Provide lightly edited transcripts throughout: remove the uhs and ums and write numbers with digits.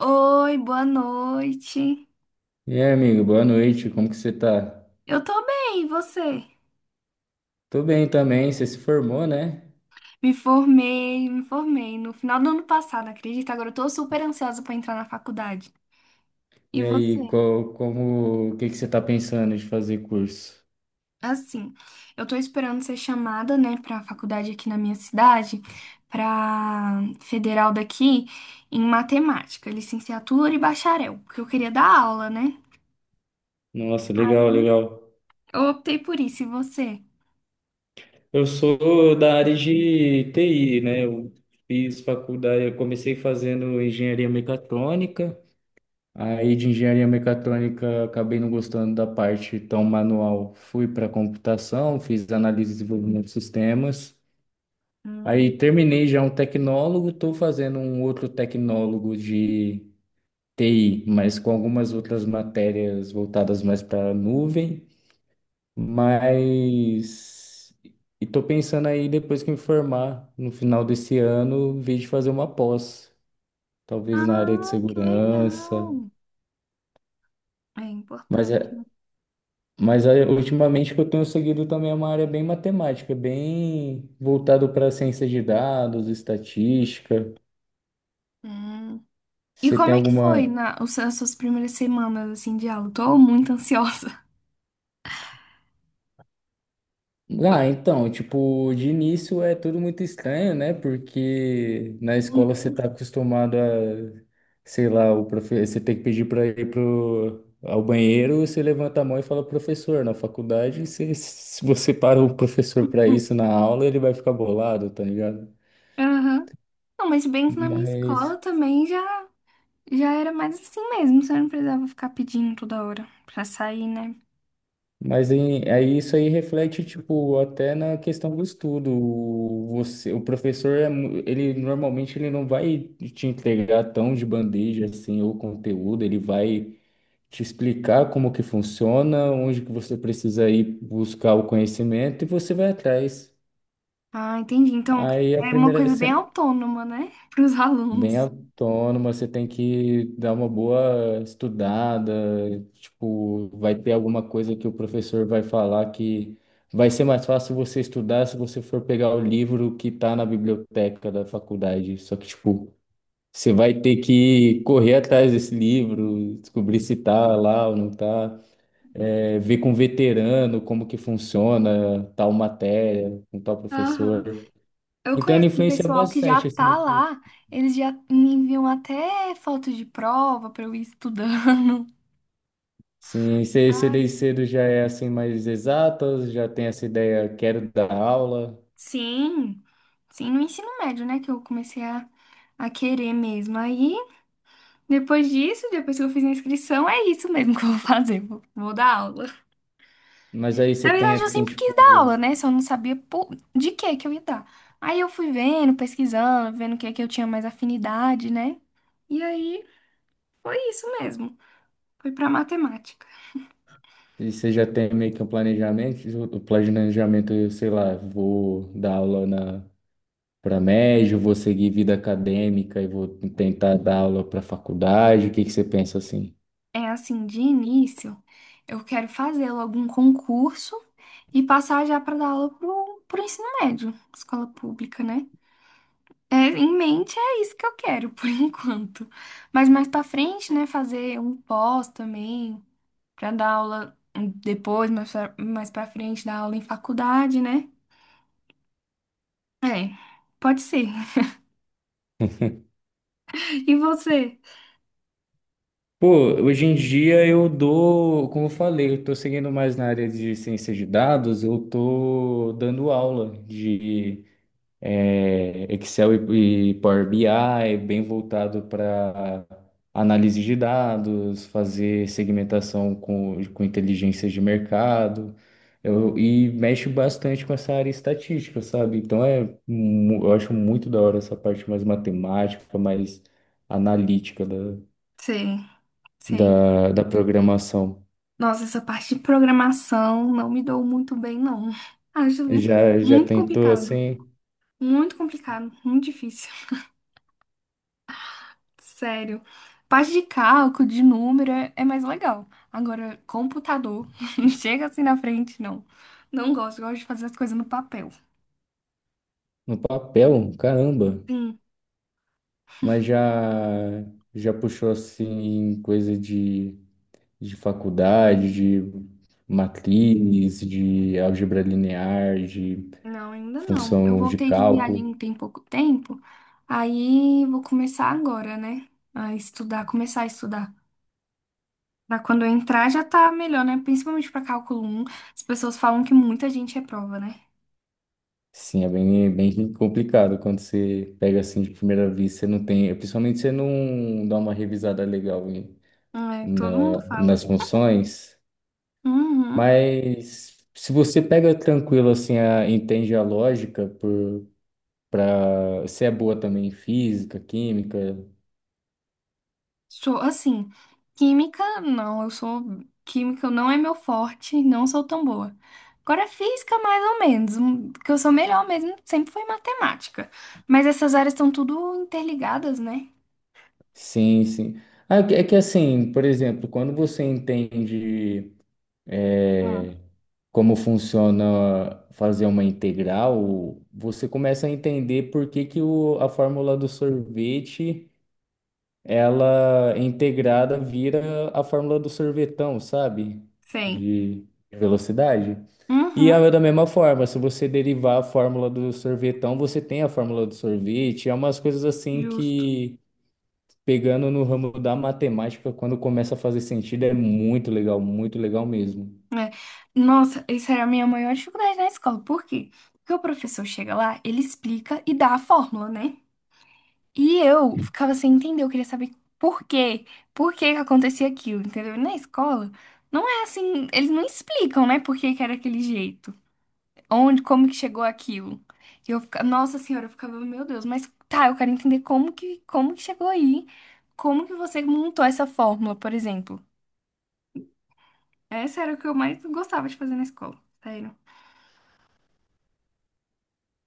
Oi, boa noite. E aí, amigo, boa noite, como que você tá? Eu tô bem, e você? Tô bem também, você se formou, né? Me formei no final do ano passado, acredita? Agora eu tô super ansiosa pra entrar na faculdade. E E aí, você? qual, como, o que que você tá pensando de fazer curso? Assim, eu tô esperando ser chamada, né, pra faculdade aqui na minha cidade, pra federal daqui, em matemática, licenciatura e bacharel, porque eu queria dar aula, né? Nossa, legal, Aí legal. eu optei por isso, e você? Eu sou da área de TI, né? Eu fiz faculdade, eu comecei fazendo engenharia mecatrônica, aí de engenharia mecatrônica acabei não gostando da parte tão manual. Fui para computação, fiz análise e desenvolvimento de sistemas. Hum. Aí terminei já um tecnólogo, estou fazendo um outro tecnólogo de TI, mas com algumas outras matérias voltadas mais para a nuvem, mas e estou pensando aí depois que me formar no final desse ano, vir de fazer uma pós, talvez na área de Ah, que segurança, legal. É mas importante, né? é. Mas é, ultimamente o que eu tenho seguido também é uma área bem matemática, bem voltado para ciência de dados, estatística. Hum. E Você tem como é que alguma. foi as suas primeiras semanas, assim, de aula? Tô muito ansiosa. Ah, então, tipo, de início é tudo muito estranho, né? Porque na escola você tá acostumado a, sei lá, você tem que pedir para ir ao banheiro, você levanta a mão e fala professor. Na faculdade, você... se você para o professor para isso na aula, ele vai ficar bolado, tá ligado? Aham. Não, mas bem que na minha escola Mas. também já era mais assim mesmo. Você não precisava ficar pedindo toda hora pra sair, né? Mas aí, isso aí reflete, tipo, até na questão do estudo. Você, o professor, ele normalmente ele não vai te entregar tão de bandeja assim o conteúdo, ele vai te explicar como que funciona, onde que você precisa ir buscar o conhecimento e você vai atrás. Ah, entendi. Então, Aí a é uma primeira, coisa bem autônoma, né? para os bem alunos. autônoma, você tem que dar uma boa estudada, tipo, vai ter alguma coisa que o professor vai falar que vai ser mais fácil você estudar se você for pegar o livro que tá na biblioteca da faculdade. Só que, tipo, você vai ter que correr atrás desse livro, descobrir se tá lá ou não tá. É, ver com veterano como que funciona tal matéria, com tal Aham. professor. Eu Então, ela conheço um influencia pessoal que já bastante, assim, né? tá lá, eles já me enviam até foto de prova pra eu ir estudando. Sim, você desde Ai. cedo já é assim mais exata, já tem essa ideia, quero dar aula, Sim, sim, no ensino médio, né, que eu comecei a querer mesmo. Aí, depois disso, depois que eu fiz a inscrição, é isso mesmo que eu vou fazer, vou dar aula. mas aí você Na tem verdade, eu assim, sempre quis dar tipo, aula, né, só não sabia de que eu ia dar. Aí eu fui vendo, pesquisando, vendo o que é que eu tinha mais afinidade, né, e aí foi isso mesmo, foi pra matemática. e você já tem meio que um planejamento, o planejamento, eu sei lá, vou dar aula na para médio, vou seguir vida acadêmica e vou tentar dar aula para faculdade, o que que você pensa assim? É assim, de início, eu quero fazer logo um concurso e passar já para dar aula pro ensino médio, escola pública, né? É, em mente é isso que eu quero por enquanto. Mas mais para frente, né, fazer um pós também, para dar aula depois, mais para frente dar aula em faculdade, né? É, pode ser. E você? Pô, hoje em dia eu dou, como eu falei, eu tô seguindo mais na área de ciência de dados, eu tô dando aula de Excel e Power BI, bem voltado para análise de dados, fazer segmentação com inteligências de mercado, eu, e mexe bastante com essa área estatística, sabe? Então é, eu acho muito da hora essa parte mais matemática, mais analítica da, Sei, sei. Da programação. Nossa, essa parte de programação não me dou muito bem, não. Acho Já, já muito tentou complicado. assim Muito complicado, muito difícil. Sério. Parte de cálculo, de número é mais legal. Agora, computador, chega assim na frente, não. Não gosto, gosto de fazer as coisas no papel. no papel? Caramba! Sim, Mas já puxou assim coisa de faculdade, de matrizes de álgebra linear, de não, ainda não. Eu função de voltei de cálculo. viagem tem pouco tempo, aí vou começar agora, né? A estudar, começar a estudar. Pra quando eu entrar já tá melhor, né? Principalmente pra cálculo um. As pessoas falam que muita gente reprova, né? Sim, é bem complicado quando você pega assim de primeira vista, você não tem, principalmente você não dá uma revisada legal É, todo mundo na, fala. nas funções, Uhum. mas se você pega tranquilo assim, a, entende a lógica por para você é boa também em física, química. Sou assim, química, não, eu sou química, não é meu forte, não sou tão boa. Agora física mais ou menos, que eu sou melhor mesmo, sempre foi matemática. Mas essas áreas estão tudo interligadas, né? Sim, sim. Ah, é que é que, assim, por exemplo, quando você entende Hum, eh, como funciona fazer uma integral, você começa a entender por que que o, a fórmula do sorvete, ela é integrada vira a fórmula do sorvetão, sabe? sei. De velocidade. E Uhum, é da mesma forma, se você derivar a fórmula do sorvetão, você tem a fórmula do sorvete. É umas coisas assim justo. que pegando no ramo da matemática, quando começa a fazer sentido, é muito legal mesmo. É. Nossa, essa era a minha maior dificuldade na escola. Por quê? Porque o professor chega lá, ele explica e dá a fórmula, né? E eu ficava sem entender, eu queria saber por quê, por que que acontecia aquilo, entendeu? E na escola, não é assim, eles não explicam, né, por que que era aquele jeito, onde, como que chegou aquilo. E eu ficava, nossa senhora, eu ficava, meu Deus, mas tá, eu quero entender como que chegou aí, como que você montou essa fórmula, por exemplo. Essa era o que eu mais gostava de fazer na escola, sério.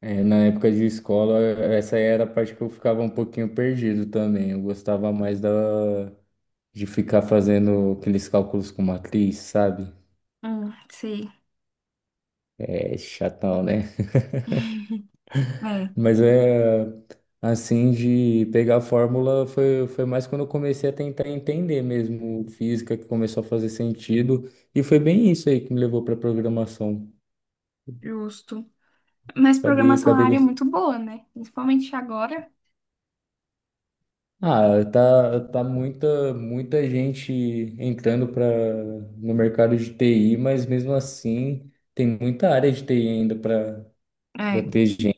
É, na época de escola, essa era a parte que eu ficava um pouquinho perdido também. Eu gostava mais da, de ficar fazendo aqueles cálculos com matriz, sabe? Sei, É chatão, né? é, Mas é assim, de pegar a fórmula foi mais quando eu comecei a tentar entender mesmo física, que começou a fazer sentido. E foi bem isso aí que me levou para programação. justo. Mas Acabei, programação é uma acabei área muito boa, né? Principalmente agora. Ah, tá, tá muita gente entrando para no mercado de TI, mas mesmo assim tem muita área de TI ainda para é ter gente.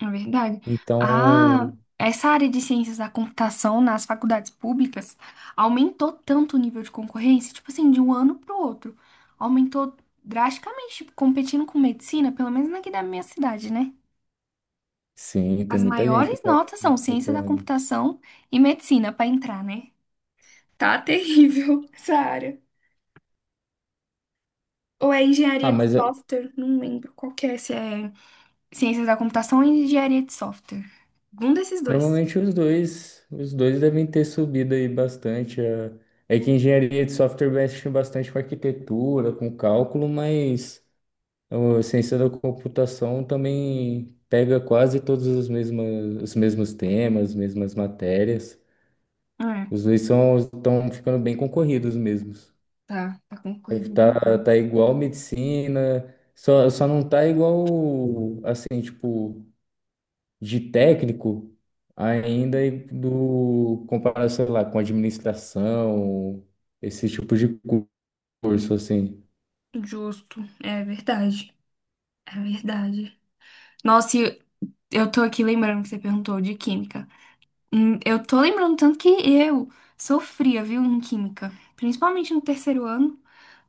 É verdade. Então, Ah, essa área de ciências da computação nas faculdades públicas aumentou tanto o nível de concorrência, tipo assim, de um ano para o outro. Aumentou drasticamente, tipo, competindo com medicina, pelo menos aqui da minha cidade, né? sim, tem As muita gente que maiores tá notas são ciência da procurando. computação e medicina para entrar, né? Tá terrível essa área. Ou é Ah, engenharia de mas ah, software, não lembro qual que é, se é ciências da computação ou engenharia de software. Um desses dois. normalmente os dois devem ter subido aí bastante. Ah. É que engenharia de software mexe bastante com arquitetura, com cálculo, mas então, a ciência da computação também pega quase todos os mesmos temas, as mesmas matérias. É. Os dois são, estão ficando bem concorridos mesmos. Tá concorrido Tá, tá demais. igual medicina, só não tá igual, assim, tipo, de técnico ainda e do comparação, sei lá, com administração, esse tipo de curso, assim. Justo, é verdade, é verdade. Nossa, e eu tô aqui lembrando que você perguntou de química. Eu tô lembrando tanto que eu sofria, viu, em química. Principalmente no terceiro ano,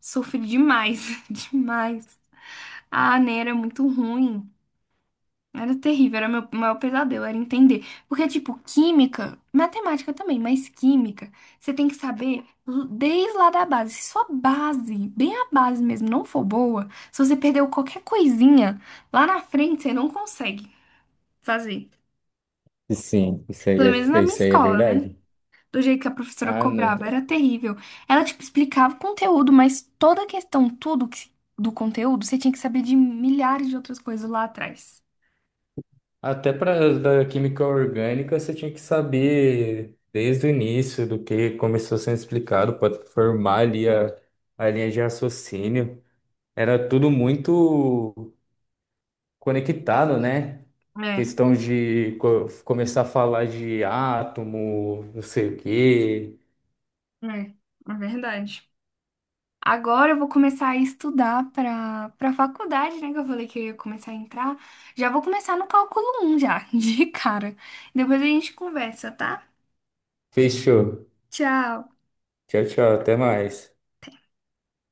sofri demais, demais. A ANA era muito ruim. Era terrível, era meu maior pesadelo, era entender. Porque, tipo, química, matemática também, mas química, você tem que saber desde lá da base. Se sua base, bem a base mesmo, não for boa, se você perdeu qualquer coisinha, lá na frente você não consegue fazer. Sim, Pelo menos na minha isso aí é escola, né? verdade. Do jeito que a professora Ah, não. cobrava, era terrível. Ela, tipo, explicava o conteúdo, mas toda a questão, do conteúdo, você tinha que saber de milhares de outras coisas lá atrás. Até para da química orgânica, você tinha que saber desde o início do que começou sendo explicado para formar ali a linha de raciocínio. Era tudo muito conectado, né? É, Questão de começar a falar de átomo, não sei o quê. é, é verdade. Agora eu vou começar a estudar para faculdade, né? Que eu falei que eu ia começar a entrar. Já vou começar no cálculo um já, de cara. Depois a gente conversa, tá? Fechou. Tchau. Tchau, tchau. Até mais.